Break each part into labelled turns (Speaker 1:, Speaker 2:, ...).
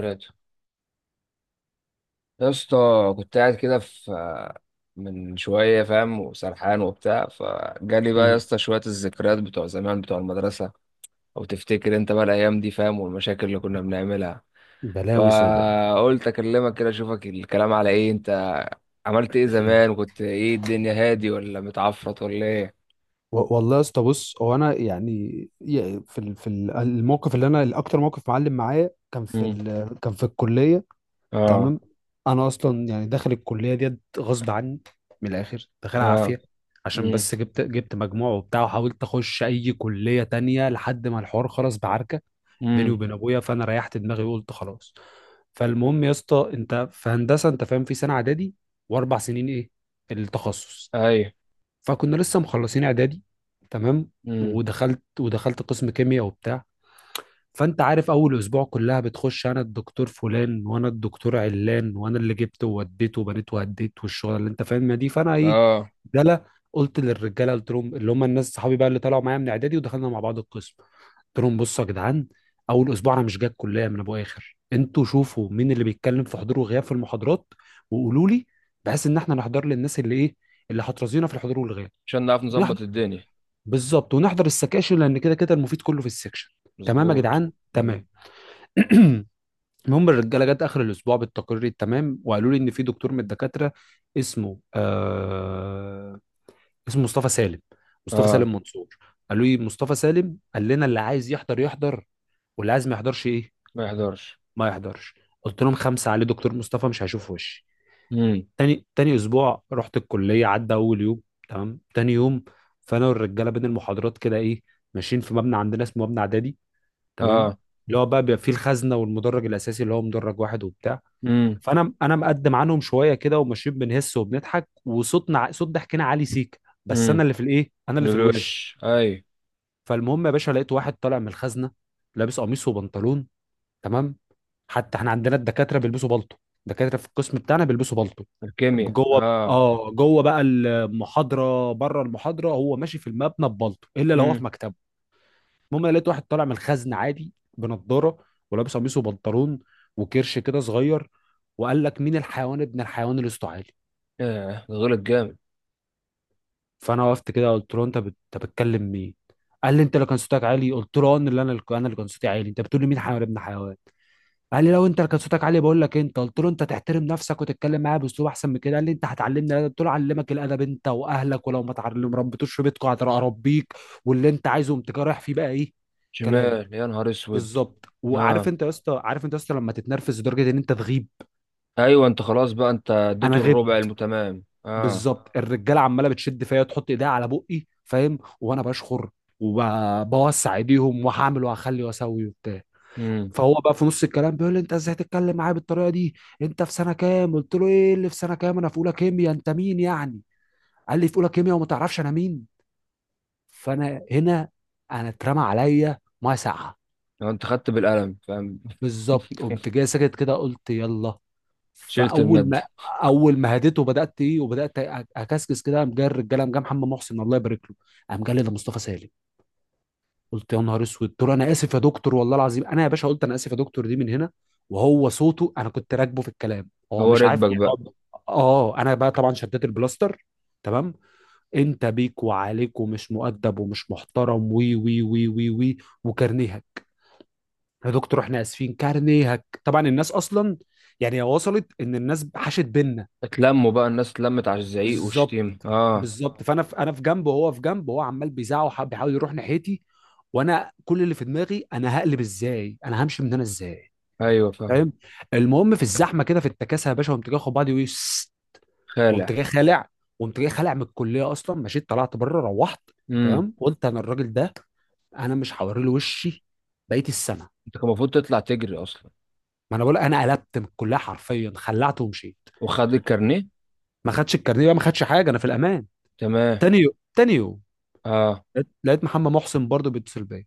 Speaker 1: ذكرياته، يا اسطى. كنت قاعد كده في من شوية فاهم وسرحان وبتاع، فجالي بقى يا
Speaker 2: مم.
Speaker 1: اسطى شوية الذكريات بتوع زمان بتوع المدرسة. أو تفتكر أنت بقى الأيام دي فاهم، والمشاكل اللي كنا بنعملها؟
Speaker 2: بلاوي سودا.
Speaker 1: فقلت أكلمك كده أشوفك الكلام على إيه. أنت عملت إيه زمان، وكنت إيه، الدنيا هادي ولا متعفرت ولا إيه؟
Speaker 2: والله يا اسطى، بص هو انا يعني الموقف اللي انا الاكتر موقف معلم معايا كان
Speaker 1: امم.
Speaker 2: كان في الكليه.
Speaker 1: اه.
Speaker 2: تمام. انا اصلا يعني داخل الكليه ديت غصب عني، من الاخر داخلها
Speaker 1: اه.
Speaker 2: عافيه عشان
Speaker 1: امم.
Speaker 2: بس جبت مجموع وبتاع وحاولت اخش اي كليه تانية لحد ما الحوار خلص بعركه بيني
Speaker 1: امم.
Speaker 2: وبين ابويا، فانا ريحت دماغي وقلت خلاص. فالمهم يا اسطى، انت في هندسه انت فاهم، في سنه اعدادي واربع سنين ايه التخصص.
Speaker 1: ايوه.
Speaker 2: فكنا لسه مخلصين اعدادي، تمام،
Speaker 1: امم.
Speaker 2: ودخلت قسم كيمياء وبتاع. فانت عارف اول اسبوع كلها بتخش انا الدكتور فلان وانا الدكتور علان وانا اللي جبت ووديت وبنيت وهديت والشغل اللي انت فاهمها دي. فانا ايه،
Speaker 1: اه.
Speaker 2: دلا، قلت للرجاله، قلت لهم اللي هم الناس صحابي بقى اللي طلعوا معايا من اعدادي ودخلنا مع بعض القسم، قلت لهم بصوا يا جدعان، اول اسبوع انا مش جاي الكليه من ابو اخر، انتوا شوفوا مين اللي بيتكلم في حضور وغياب في المحاضرات وقولوا لي، بحيث ان احنا نحضر للناس اللي ايه، اللي هترازينا في الحضور والغياب.
Speaker 1: عشان نعرف نظبط الدنيا.
Speaker 2: بالظبط، ونحضر السكاشن لان كده كده المفيد كله في السكشن. تمام يا
Speaker 1: مظبوط.
Speaker 2: جدعان،
Speaker 1: امم.
Speaker 2: تمام. المهم الرجاله جت اخر الاسبوع بالتقرير التمام وقالوا لي ان في دكتور من الدكاتره اسمه اسمه مصطفى سالم، مصطفى
Speaker 1: اه.
Speaker 2: سالم منصور. قالوا لي مصطفى سالم قال لنا اللي عايز يحضر يحضر واللي عايز ما يحضرش ايه،
Speaker 1: ما يحضرش.
Speaker 2: ما يحضرش. قلت لهم خمسه عليه، دكتور مصطفى مش هيشوف وشي.
Speaker 1: امم.
Speaker 2: تاني اسبوع رحت الكليه، عدى اول يوم تمام، تاني يوم فانا والرجاله بين المحاضرات كده ايه، ماشيين في مبنى عندنا اسمه مبنى اعدادي، تمام،
Speaker 1: اه.
Speaker 2: اللي هو بقى بيبقى فيه الخزنه والمدرج الاساسي اللي هو مدرج واحد وبتاع.
Speaker 1: امم.
Speaker 2: فانا مقدم عنهم شويه كده وماشيين بنهس وبنضحك وصوتنا صوت ضحكنا عالي سيك، بس انا
Speaker 1: امم.
Speaker 2: اللي في الايه، انا اللي في الوش.
Speaker 1: الوش اي.
Speaker 2: فالمهم يا باشا لقيت واحد طالع من الخزنه، لابس قميص وبنطلون، تمام. حتى احنا عندنا الدكاتره بيلبسوا بالطو، الدكاتره في القسم بتاعنا بيلبسوا بالطو
Speaker 1: الكيمياء
Speaker 2: جوه.
Speaker 1: اه.
Speaker 2: اه، جوه بقى المحاضره، بره المحاضره هو ماشي في المبنى ببالطو الا لو هو في
Speaker 1: امم.
Speaker 2: مكتبه. المهم انا لقيت واحد طالع من الخزن عادي بنضاره ولابس قميص وبنطلون وكرش كده صغير، وقال لك مين الحيوان ابن الحيوان اللي صوته عالي.
Speaker 1: آه. غلط جامد.
Speaker 2: فانا وقفت كده قلت له انت بتكلم مين؟ قال لي انت اللي كان صوتك عالي. قلت له اه، انا اللي كان صوتي عالي، انت بتقول لي مين حيوان ابن حيوان؟ قال لي لو انت كان صوتك عالي بقول لك انت. قلت له انت تحترم نفسك وتتكلم معايا باسلوب احسن من كده. قال لي انت هتعلمني الادب؟ قلت له علمك الادب انت واهلك، ولو ما تعلم ربيتوش في بيتكم هتربيك واللي انت عايزه. قمت رايح فيه بقى ايه كلام.
Speaker 1: شمال، يا نهار اسود.
Speaker 2: بالظبط. وعارف
Speaker 1: اه.
Speaker 2: انت يا اسطى، عارف انت يا اسطى لما تتنرفز لدرجه ان انت تغيب؟
Speaker 1: ايوه، انت خلاص بقى، انت
Speaker 2: انا
Speaker 1: اديته الربع
Speaker 2: غبت
Speaker 1: المتمام. اه.
Speaker 2: بالظبط. الرجاله عماله بتشد فيا، تحط ايديها على بقي فاهم وانا بشخر، وبوسع ايديهم وهعمل وهخلي واسوي وبتاع.
Speaker 1: امم.
Speaker 2: فهو بقى في نص الكلام بيقول لي انت ازاي تتكلم معايا بالطريقه دي، انت في سنه كام؟ قلت له ايه اللي في سنه كام، انا في اولى كيمياء، انت مين يعني؟ قال لي في اولى كيمياء وما تعرفش انا مين؟ فانا هنا انا اترمى عليا ميه ساقعه.
Speaker 1: لو انت خدت بالقلم، فاهم.
Speaker 2: بالظبط، قمت جاي ساكت كده قلت يلا.
Speaker 1: شلت
Speaker 2: فاول
Speaker 1: المادة.
Speaker 2: ما اول ما هديته، بدات ايه وبدات اكسكس كده. قام جاي الرجاله، قام جاي محمد محسن الله يبارك له، قام جاي لي ده مصطفى سالم. قلت يا نهار اسود، قلت له انا اسف يا دكتور والله العظيم، انا يا باشا قلت انا اسف يا دكتور دي من هنا. وهو صوته، انا كنت راكبه في الكلام هو
Speaker 1: هو
Speaker 2: مش عارف
Speaker 1: ركبك
Speaker 2: يعني
Speaker 1: بقى.
Speaker 2: اه انا بقى طبعا شديت البلاستر، تمام، انت بيك وعليك ومش مؤدب ومش محترم، وي وي وي وي وي، وكارنيهك. يا دكتور احنا اسفين، كارنيهك، طبعا الناس اصلا يعني وصلت ان الناس حاشت بينا.
Speaker 1: اتلموا بقى الناس، اتلمت على الزعيق
Speaker 2: بالظبط
Speaker 1: والشتيمة اه.
Speaker 2: بالظبط. فانا في، انا في جنبه وهو في جنبه، وهو عمال بيزعق بيحاول يروح ناحيتي، وانا كل اللي في دماغي انا هقلب ازاي، انا همشي من هنا ازاي؟
Speaker 1: ايوه، فاهم.
Speaker 2: فاهم. المهم في الزحمه كده، في التكاسه يا باشا، قمت جاي اخد بعضي ويس، قمت
Speaker 1: خالع.
Speaker 2: جاي خالع. قمت جاي خالع من الكليه اصلا، مشيت طلعت بره روحت،
Speaker 1: امم.
Speaker 2: تمام. قلت انا الراجل ده انا مش هوري له وشي بقيه السنه.
Speaker 1: انت كان المفروض تطلع تجري اصلا.
Speaker 2: ما انا بقول، انا قلبت من الكليه حرفيا، خلعت ومشيت.
Speaker 1: وخد الكارنيه.
Speaker 2: ما خدش الكارنيه بقى، ما خدش حاجه، انا في الامان.
Speaker 1: تمام.
Speaker 2: تاني يوم
Speaker 1: اه.
Speaker 2: لقيت محمد محسن برضه بيتصل بيا،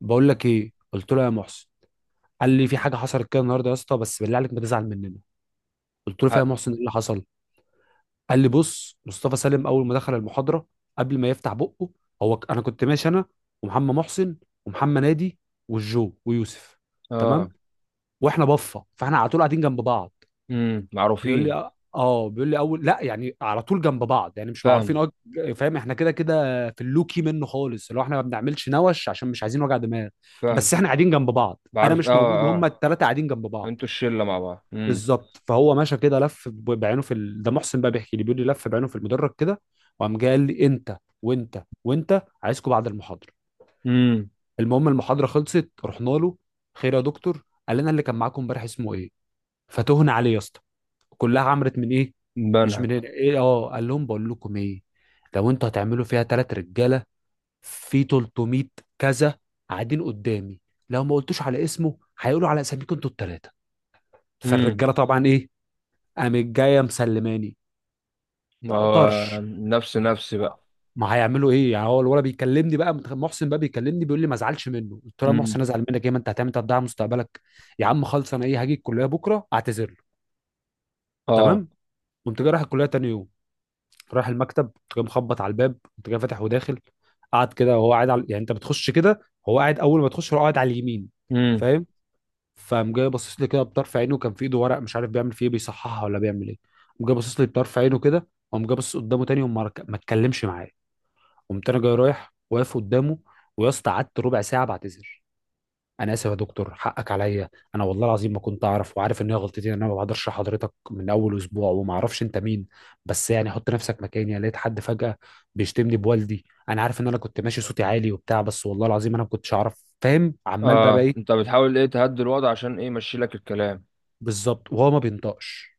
Speaker 2: بقول لك ايه، قلت له يا محسن. قال لي في حاجه حصلت كده النهارده يا اسطى، بس بالله عليك ما تزعل مننا. قلت له فيها يا
Speaker 1: حق.
Speaker 2: محسن، ايه اللي حصل؟ قال لي بص مصطفى سالم اول ما دخل المحاضره، قبل ما يفتح بقه، انا كنت ماشي انا ومحمد محسن ومحمد نادي والجو ويوسف،
Speaker 1: اه.
Speaker 2: تمام، واحنا بفه فاحنا على طول قاعدين جنب بعض.
Speaker 1: امم.
Speaker 2: بيقول لي
Speaker 1: معروفين.
Speaker 2: بيقول لي اول لا يعني على طول جنب بعض يعني مش معروفين
Speaker 1: فاهم.
Speaker 2: اه. فاهم، احنا كده كده في اللوكي منه خالص، اللي هو احنا ما بنعملش نوش عشان مش عايزين وجع دماغ.
Speaker 1: فاهم.
Speaker 2: بس احنا قاعدين جنب بعض، انا
Speaker 1: بعرف، اه
Speaker 2: مش موجود،
Speaker 1: اه.
Speaker 2: هما الثلاثه قاعدين جنب بعض.
Speaker 1: انتوا الشله مع بعض. امم.
Speaker 2: بالظبط. فهو ماشى كده لف بعينه في ال... ده محسن بقى بيحكي لي، بيقول لي لف بعينه في المدرج كده، وقام جاي قال لي انت وانت عايزكم بعد المحاضره.
Speaker 1: امم.
Speaker 2: المهم المحاضره خلصت، رحنا له. خير يا دكتور؟ قال لنا اللي كان معاكم امبارح اسمه ايه؟ فتهنا عليه يا اسطى، كلها عمرت من ايه، مش
Speaker 1: بنها.
Speaker 2: من هنا ايه اه. قال لهم بقول لكم ايه، لو انتوا هتعملوا فيها تلات رجاله في 300 كذا قاعدين قدامي، لو ما قلتوش على اسمه هيقولوا على اساميكم انتوا التلاته.
Speaker 1: امم.
Speaker 2: فالرجاله طبعا ايه، قامت جايه مسلماني،
Speaker 1: ما هو
Speaker 2: تقطرش.
Speaker 1: نفس نفسي بقى.
Speaker 2: ما هيعملوا ايه يعني. هو الولد بيكلمني بقى محسن بقى بيكلمني، بيقول لي ما ازعلش منه. قلت له يا
Speaker 1: امم.
Speaker 2: محسن ازعل منك ايه، ما انت هتعمل تضيع مستقبلك يا عم خالص، انا ايه هاجي الكليه بكره اعتذر له.
Speaker 1: اه.
Speaker 2: تمام. قمت جاي رايح الكليه تاني يوم، رايح المكتب، جاي مخبط على الباب، انت جاي فاتح وداخل، قعد كده، وهو قاعد على، يعني انت بتخش كده هو قاعد اول ما تخش هو قاعد على اليمين،
Speaker 1: امم.
Speaker 2: فاهم. فقام جاي باصص لي كده بطرف عينه، كان في ايده ورق مش عارف بيعمل فيه ايه، بيصححها ولا بيعمل ايه. قام جاي باصص لي بطرف عينه كده، وقام جاي باصص قدامه تاني، ما اتكلمش معايا. قمت انا جاي رايح واقف قدامه، ويا اسطى قعدت ربع ساعه بعتذر، انا اسف يا دكتور حقك عليا، انا والله العظيم ما كنت اعرف، وعارف ان هي غلطتي ان انا ما بقدرش حضرتك من اول اسبوع وما اعرفش انت مين، بس يعني حط نفسك مكاني. أنا لقيت حد فجأة بيشتمني بوالدي، انا عارف ان انا كنت ماشي صوتي عالي وبتاع، بس والله العظيم انا ما كنتش اعرف فاهم، عمال بقى
Speaker 1: اه. انت
Speaker 2: ايه.
Speaker 1: بتحاول ايه، تهدي الوضع عشان ايه يمشي لك الكلام.
Speaker 2: بالظبط، وهو ما بينطقش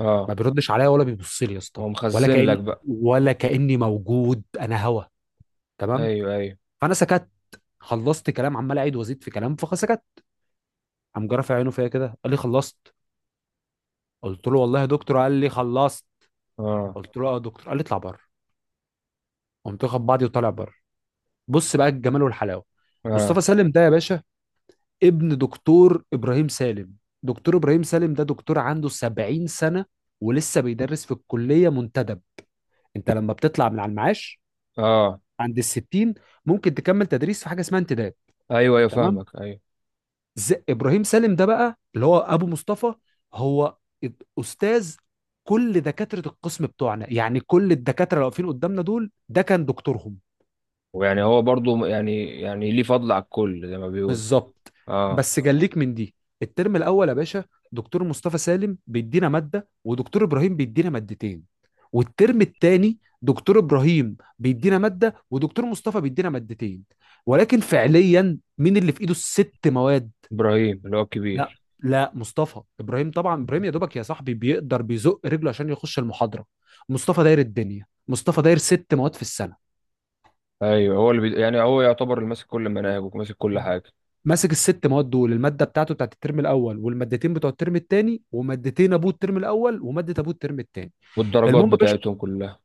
Speaker 1: اه.
Speaker 2: ما بيردش عليا ولا بيبص لي يا
Speaker 1: هو
Speaker 2: اسطى، ولا
Speaker 1: مخزن لك
Speaker 2: كأن،
Speaker 1: بقى.
Speaker 2: ولا كأني موجود انا هوا، تمام.
Speaker 1: ايوه ايوه.
Speaker 2: فانا سكت، خلصت كلام، عمال اعيد وازيد في كلام فسكت. قام جرى في عينه فيا كده، قال لي خلصت؟ قلت له والله يا دكتور. قال لي خلصت؟
Speaker 1: اه.
Speaker 2: قلت له اه يا دكتور. قال لي اطلع بره. قمت واخد بعضي وطالع بره. بص بقى الجمال والحلاوه،
Speaker 1: اه.
Speaker 2: مصطفى سالم ده يا باشا ابن دكتور ابراهيم سالم. دكتور ابراهيم سالم ده دكتور عنده 70 سنه ولسه بيدرس في الكليه منتدب. انت لما بتطلع من على المعاش
Speaker 1: اه.
Speaker 2: عند ال 60، ممكن تكمل تدريس في حاجه اسمها انتداب.
Speaker 1: ايوه ايوه،
Speaker 2: تمام.
Speaker 1: فاهمك ايوه.
Speaker 2: ابراهيم سالم ده بقى اللي هو ابو مصطفى، هو استاذ كل دكاتره القسم بتوعنا، يعني كل الدكاتره اللي واقفين قدامنا دول ده كان دكتورهم.
Speaker 1: ويعني هو برضو يعني ليه فضل على الكل زي ما بيقولوا.
Speaker 2: بالظبط.
Speaker 1: اه.
Speaker 2: بس جليك من دي، الترم الاول يا باشا دكتور مصطفى سالم بيدينا ماده ودكتور ابراهيم بيدينا مادتين، والترم الثاني دكتور ابراهيم بيدينا ماده ودكتور مصطفى بيدينا مادتين، ولكن فعليا مين اللي في ايده الست مواد؟
Speaker 1: ابراهيم، اللي هو
Speaker 2: لا
Speaker 1: الكبير.
Speaker 2: لا، مصطفى. ابراهيم طبعا، ابراهيم يا دوبك يا صاحبي بيقدر بيزق رجله عشان يخش المحاضره. مصطفى داير الدنيا، مصطفى داير ست مواد في السنه،
Speaker 1: ايوه، هو يعني هو يعتبر اللي ماسك كل المناهج وماسك كل حاجه.
Speaker 2: ماسك الست مواد دول، الماده بتاعته بتاعت الترم الاول والمادتين بتوع الترم الثاني، ومادتين ابوه الترم الاول وماده ابوه الترم الثاني.
Speaker 1: والدرجات
Speaker 2: المهم يا باشا
Speaker 1: بتاعتهم كلها.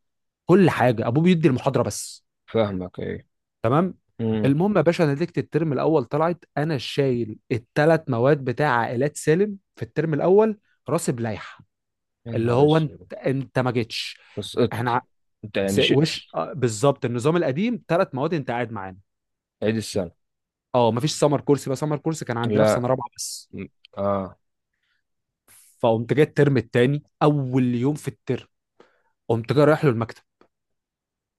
Speaker 2: كل حاجه، ابوه بيدي المحاضره بس.
Speaker 1: فاهمك ايه.
Speaker 2: تمام.
Speaker 1: امم.
Speaker 2: المهم يا باشا نتيجه الترم الاول طلعت، انا شايل الثلاث مواد بتاع عائلات سالم في الترم الاول، راسب لائحه.
Speaker 1: يا
Speaker 2: اللي
Speaker 1: نهار
Speaker 2: هو انت،
Speaker 1: اسود.
Speaker 2: انت ما جيتش.
Speaker 1: بس قط.
Speaker 2: احنا
Speaker 1: انت
Speaker 2: س-
Speaker 1: يعني شيء.
Speaker 2: وش آه، بالظبط النظام القديم ثلاث مواد انت قاعد معانا.
Speaker 1: عيد السنه.
Speaker 2: اه، مفيش سمر كورس بقى، سمر كورس كان عندنا في
Speaker 1: لا.
Speaker 2: سنه رابعه بس.
Speaker 1: م- اه.
Speaker 2: فقمت جاي الترم الثاني اول يوم في الترم، قمت جاي رايح له المكتب.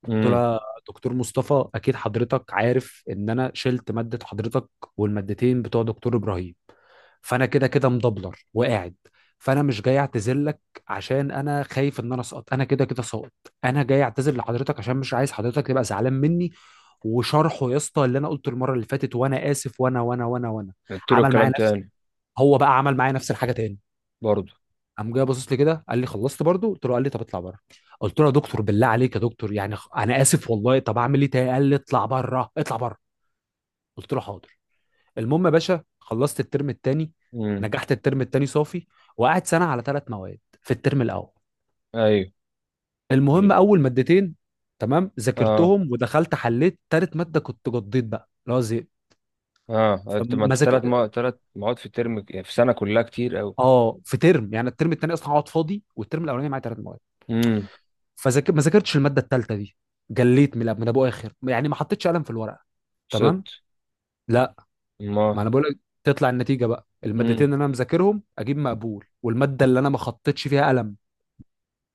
Speaker 2: قلت
Speaker 1: امم.
Speaker 2: له يا دكتور مصطفى، اكيد حضرتك عارف ان انا شلت ماده حضرتك والمادتين بتوع دكتور ابراهيم، فانا كده كده مدبلر وقاعد، فانا مش جاي اعتذر لك عشان انا خايف ان انا اسقط، انا كده كده ساقط، انا جاي اعتذر لحضرتك عشان مش عايز حضرتك تبقى زعلان مني. وشرحه يا اسطى اللي انا قلته المره اللي فاتت، وانا اسف وانا وانا وانا وانا.
Speaker 1: قلت له
Speaker 2: عمل معايا
Speaker 1: الكلام
Speaker 2: نفس،
Speaker 1: تاني.
Speaker 2: هو بقى عمل معايا نفس الحاجه تاني.
Speaker 1: برضه.
Speaker 2: قام جاي باصص لي كده قال لي خلصت برضو؟ قلت له. قال لي طب اطلع بره. قلت له يا دكتور بالله عليك يا دكتور يعني انا اسف والله، طب اعمل ايه تاني؟ قال لي اطلع بره اطلع بره. قلت له حاضر. المهم يا باشا خلصت الترم التاني،
Speaker 1: امم.
Speaker 2: نجحت الترم التاني صافي، وقعد سنه على ثلاث مواد في الترم الاول.
Speaker 1: ايوه.
Speaker 2: المهم
Speaker 1: ال-
Speaker 2: اول مادتين تمام
Speaker 1: اه.
Speaker 2: ذاكرتهم، ودخلت حليت تالت ماده كنت قضيت بقى اللي هو زهقت.
Speaker 1: اه انت، ما
Speaker 2: فما
Speaker 1: انت ثلاث،
Speaker 2: ذاك-
Speaker 1: ما ثلاث مواد في الترم، يعني في سنه كلها كتير قوي.
Speaker 2: اه، في ترم يعني الترم التاني اصلا هقعد فاضي، والترم الاولاني معايا ثلاث مواد.
Speaker 1: امم.
Speaker 2: ما ذاكرتش الماده الثالثه دي. جليت من ابو اخر، يعني ما حطيتش قلم في الورقه.
Speaker 1: سقط.
Speaker 2: تمام. لا، ما
Speaker 1: ما.
Speaker 2: انا بقول لك، تطلع النتيجه بقى المادتين
Speaker 1: امم.
Speaker 2: اللي انا مذاكرهم اجيب مقبول، والماده اللي انا ما خطيتش فيها قلم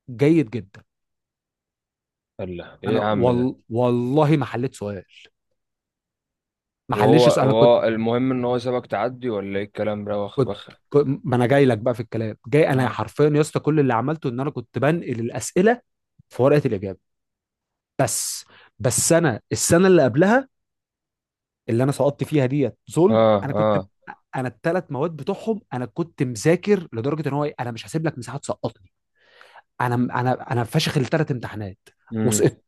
Speaker 2: جيد جدا.
Speaker 1: الله، ايه يا عم ده.
Speaker 2: والله ما حليت سؤال، ما
Speaker 1: وهو
Speaker 2: حليتش سؤال. انا كنت
Speaker 1: وهو المهم ان هو سابك تعدي ولا ايه الكلام ده، واخ
Speaker 2: كنت
Speaker 1: بخ.
Speaker 2: كنت- ما انا جاي لك بقى في الكلام، جاي انا حرفيا يا اسطى كل اللي عملته ان انا كنت بنقل الاسئله في ورقه الاجابه بس. بس انا السنه اللي قبلها اللي انا سقطت فيها ديت ظلم.
Speaker 1: اه
Speaker 2: انا كنت
Speaker 1: اه.
Speaker 2: انا الثلاث مواد بتوعهم انا كنت مذاكر لدرجه ان هو إيه، انا مش هسيب لك مساحه تسقطني. انا انا فاشخ الثلاث امتحانات
Speaker 1: امم.
Speaker 2: وسقطت.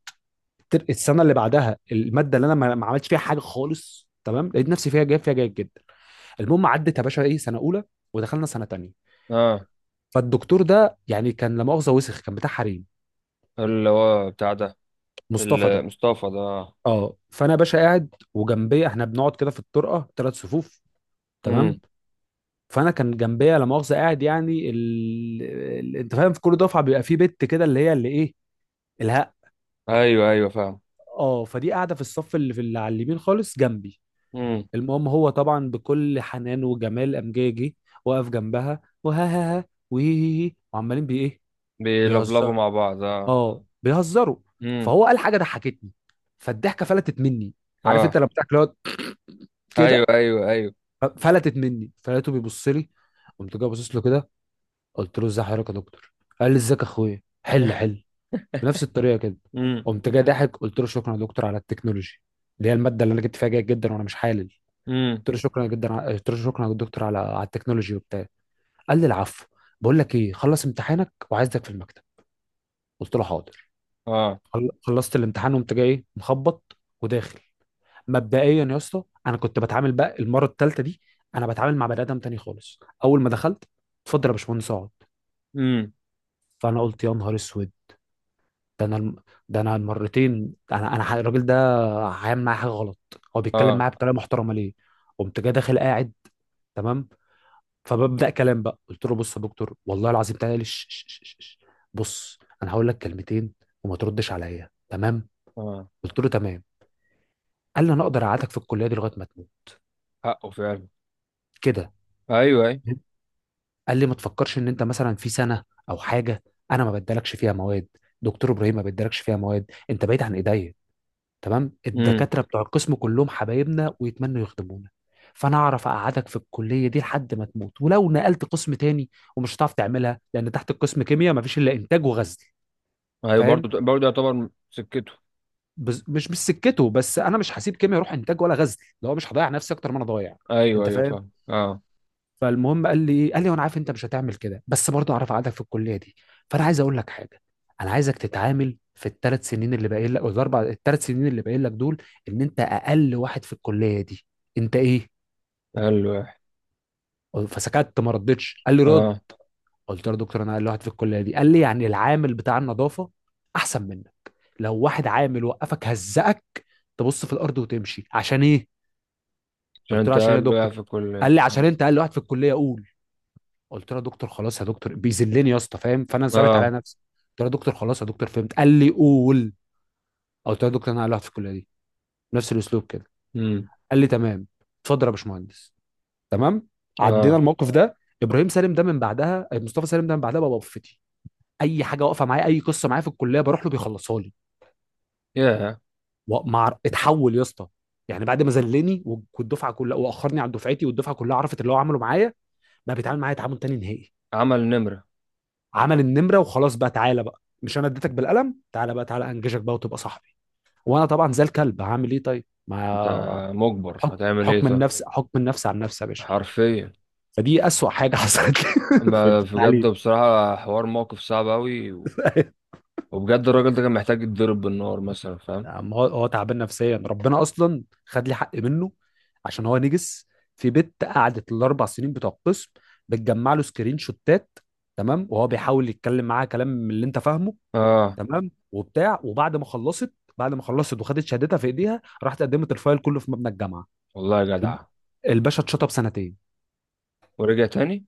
Speaker 2: السنه اللي بعدها الماده اللي انا ما عملتش فيها حاجه خالص تمام، لقيت نفسي فيها جايب فيها جيد جدا. المهم عدت يا باشا ايه سنه اولى، ودخلنا سنه تانية.
Speaker 1: اه.
Speaker 2: فالدكتور ده يعني كان لا مؤاخذه وسخ، كان بتاع حريم.
Speaker 1: اللي هو بتاع ده.
Speaker 2: مصطفى ده،
Speaker 1: المصطفى ده اه.
Speaker 2: اه. فانا يا باشا قاعد وجنبي، احنا بنقعد كده في الطرقه ثلاث صفوف،
Speaker 1: امم.
Speaker 2: تمام؟ فانا كان جنبيا لا مؤاخذه قاعد يعني انت فاهم، في كل دفعه بيبقى في بت كده اللي هي اللي ايه، الهق.
Speaker 1: ايوه ايوه، فاهم.
Speaker 2: اه، فدي قاعده في الصف اللي في اللي على اليمين خالص جنبي.
Speaker 1: امم.
Speaker 2: المهم هو طبعا بكل حنان وجمال قام جاي جه، واقف جنبها، وها ها ها وهي هي هي، وعمالين بي ايه؟
Speaker 1: بيلفلفوا
Speaker 2: بيهزروا،
Speaker 1: مع بعض اه.
Speaker 2: اه بيهزروا.
Speaker 1: امم.
Speaker 2: فهو قال حاجه ضحكتني، فالضحكه فلتت مني. عارف انت
Speaker 1: اه.
Speaker 2: لما بتاكل
Speaker 1: ايوه
Speaker 2: كده،
Speaker 1: ايوه ايوه.
Speaker 2: فلتت مني، فلقيته بيبص لي. قمت جاي باصص له كده قلت له ازاي حضرتك يا دكتور. قال لي ازيك يا اخويا، حل حل، بنفس الطريقه كده.
Speaker 1: امم.
Speaker 2: قمت جاي ضاحك قلت له شكرا يا دكتور على التكنولوجي، اللي هي الماده اللي انا جبت فيها جيد جدا وانا مش حالل.
Speaker 1: امم.
Speaker 2: قلت له شكرا يا دكتور على على التكنولوجي وبتاع. قال لي العفو، بقول لك ايه، خلص امتحانك وعايزك في المكتب. قلت له حاضر.
Speaker 1: اه.
Speaker 2: خلصت الامتحان وقمت جاي إيه؟ مخبط وداخل. مبدئيا يا اسطى انا كنت بتعامل بقى المره الثالثه دي، انا بتعامل مع بني ادم تاني خالص. اول ما دخلت، اتفضل يا باشمهندس اقعد.
Speaker 1: امم.
Speaker 2: فانا قلت يا نهار اسود، ده انا الم- ده انا المرتين، الراجل ده هيعمل معايا حاجه غلط. هو بيتكلم
Speaker 1: اه.
Speaker 2: معايا بطريقه محترمه ليه؟ قمت جاي داخل قاعد تمام، فببدا كلام بقى قلت له بص يا دكتور والله العظيم تعالى لي ش- ش- ش- ش- ش. بص انا هقول لك كلمتين، وما تردش عليا، تمام؟
Speaker 1: اه.
Speaker 2: قلت له تمام. قال لي انا اقدر اقعدك في الكليه دي لغايه ما تموت،
Speaker 1: حقه فعلا.
Speaker 2: كده.
Speaker 1: ايوه ايوه.
Speaker 2: قال لي ما تفكرش ان انت مثلا في سنه او حاجه، انا ما بدالكش فيها مواد. دكتور ابراهيم ما بدالكش فيها مواد، انت بعيد عن ايديا تمام.
Speaker 1: امم.
Speaker 2: الدكاتره بتوع القسم كلهم حبايبنا ويتمنوا يخدمونا، فانا اعرف اقعدك في الكليه دي لحد ما تموت. ولو نقلت قسم تاني ومش هتعرف تعملها، لان تحت القسم كيمياء مفيش الا انتاج وغزل،
Speaker 1: ايوه،
Speaker 2: فاهم؟
Speaker 1: برضه برضه يعتبر سكته.
Speaker 2: مش سكته، بس انا مش هسيب كيمياء اروح انتاج ولا غزل، اللي هو مش هضيع نفسي اكتر ما انا ضايع.
Speaker 1: ايوه
Speaker 2: انت
Speaker 1: ايوه،
Speaker 2: فاهم؟
Speaker 1: فاهم اه.
Speaker 2: فالمهم قال لي ايه، قال لي وانا عارف انت مش هتعمل كده بس برضه اعرف قعدك في الكليه دي. فانا عايز اقول لك حاجه، انا عايزك تتعامل في الثلاث سنين اللي باقيين لك أو الاربع الثلاث سنين اللي باقيين لك دول ان انت اقل واحد في الكليه دي. انت ايه؟
Speaker 1: قال له إيه.
Speaker 2: فسكت ما ردتش، قال لي رد.
Speaker 1: اه.
Speaker 2: قلت له يا دكتور انا اقل واحد في الكليه دي؟ قال لي يعني العامل بتاع النظافه احسن منك. لو واحد عامل وقفك هزقك، تبص في الارض وتمشي، عشان ايه؟
Speaker 1: عشان
Speaker 2: قلت له
Speaker 1: انت
Speaker 2: عشان ايه يا
Speaker 1: قال له إيه
Speaker 2: دكتور؟
Speaker 1: في الكليه.
Speaker 2: قال لي عشان انت اقل واحد في الكليه، قول. قلت له يا دكتور خلاص يا دكتور، بيذلني يا اسطى فاهم، فانا ثابت على
Speaker 1: اه.
Speaker 2: نفسي. قلت له يا دكتور خلاص يا دكتور فهمت. قال لي قول. قلت له يا دكتور انا اقلعت في الكليه دي، نفس الاسلوب كده.
Speaker 1: امم.
Speaker 2: قال لي تمام، اتفضل يا باشمهندس، تمام. عدينا
Speaker 1: اه.
Speaker 2: الموقف ده. ابراهيم سالم ده من بعدها، مصطفى سالم ده من بعدها، بقى وقفتي اي حاجه واقفه معايا اي قصه معايا في الكليه بروح له بيخلصها لي.
Speaker 1: ياه.
Speaker 2: ومع اتحول يا اسطى، يعني بعد ما ذلني والدفعه كلها، واخرني عن دفعتي والدفعه كلها عرفت اللي هو عمله معايا، بقى بيتعامل معايا تعامل تاني نهائي.
Speaker 1: عمل نمره.
Speaker 2: عمل النمره وخلاص بقى تعالى بقى، مش انا اديتك بالقلم، تعالى بقى تعالى انجزك بقى وتبقى صاحبي. وانا طبعا زي الكلب هعمل ايه طيب،
Speaker 1: انت.
Speaker 2: ما
Speaker 1: مجبر
Speaker 2: حكم
Speaker 1: هتعمل ايه
Speaker 2: حكم
Speaker 1: طيب.
Speaker 2: النفس، حكم النفس عن نفسي يا باشا.
Speaker 1: حرفيا.
Speaker 2: فدي اسوأ حاجه حصلت لي في
Speaker 1: اما بجد
Speaker 2: التعليم
Speaker 1: بصراحة، حوار موقف صعب اوي و- وبجد الراجل ده كان محتاج يتضرب بالنار مثلا، فاهم.
Speaker 2: يا عم هو تعبان نفسيا، ربنا اصلا خد لي حق منه عشان هو نجس. في بنت قعدت الاربع سنين بتوع القسم بتجمع له سكرين شوتات، تمام، وهو بيحاول يتكلم معاها كلام من اللي انت فاهمه،
Speaker 1: اه.
Speaker 2: تمام، وبتاع. وبعد ما خلصت وخدت شهادتها في ايديها، راحت قدمت الفايل كله في مبنى الجامعه.
Speaker 1: والله يا جدع.
Speaker 2: الب- الباشا اتشطب سنتين.
Speaker 1: ورجع تاني.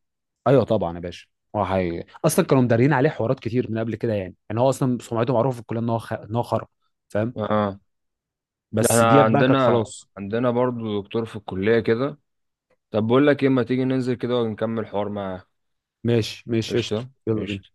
Speaker 2: ايوه طبعا يا باشا، هو حقيقي اصلا كانوا مدارين عليه حوارات كتير من قبل كده. يعني يعني هو اصلا سمعته معروفه في الكليه ان هو ان هو خرا، فاهم.
Speaker 1: اه. ده
Speaker 2: بس
Speaker 1: احنا
Speaker 2: ديت بقى كانت
Speaker 1: عندنا.
Speaker 2: خلاص.
Speaker 1: عندنا برضو دكتور في الكلية كده. طب بقول لك ايه، ما تيجي ننزل كده ونكمل حوار معاه.
Speaker 2: ماشي ماشي، قشطه،
Speaker 1: قشطة.
Speaker 2: يلا بينا.
Speaker 1: قشطة.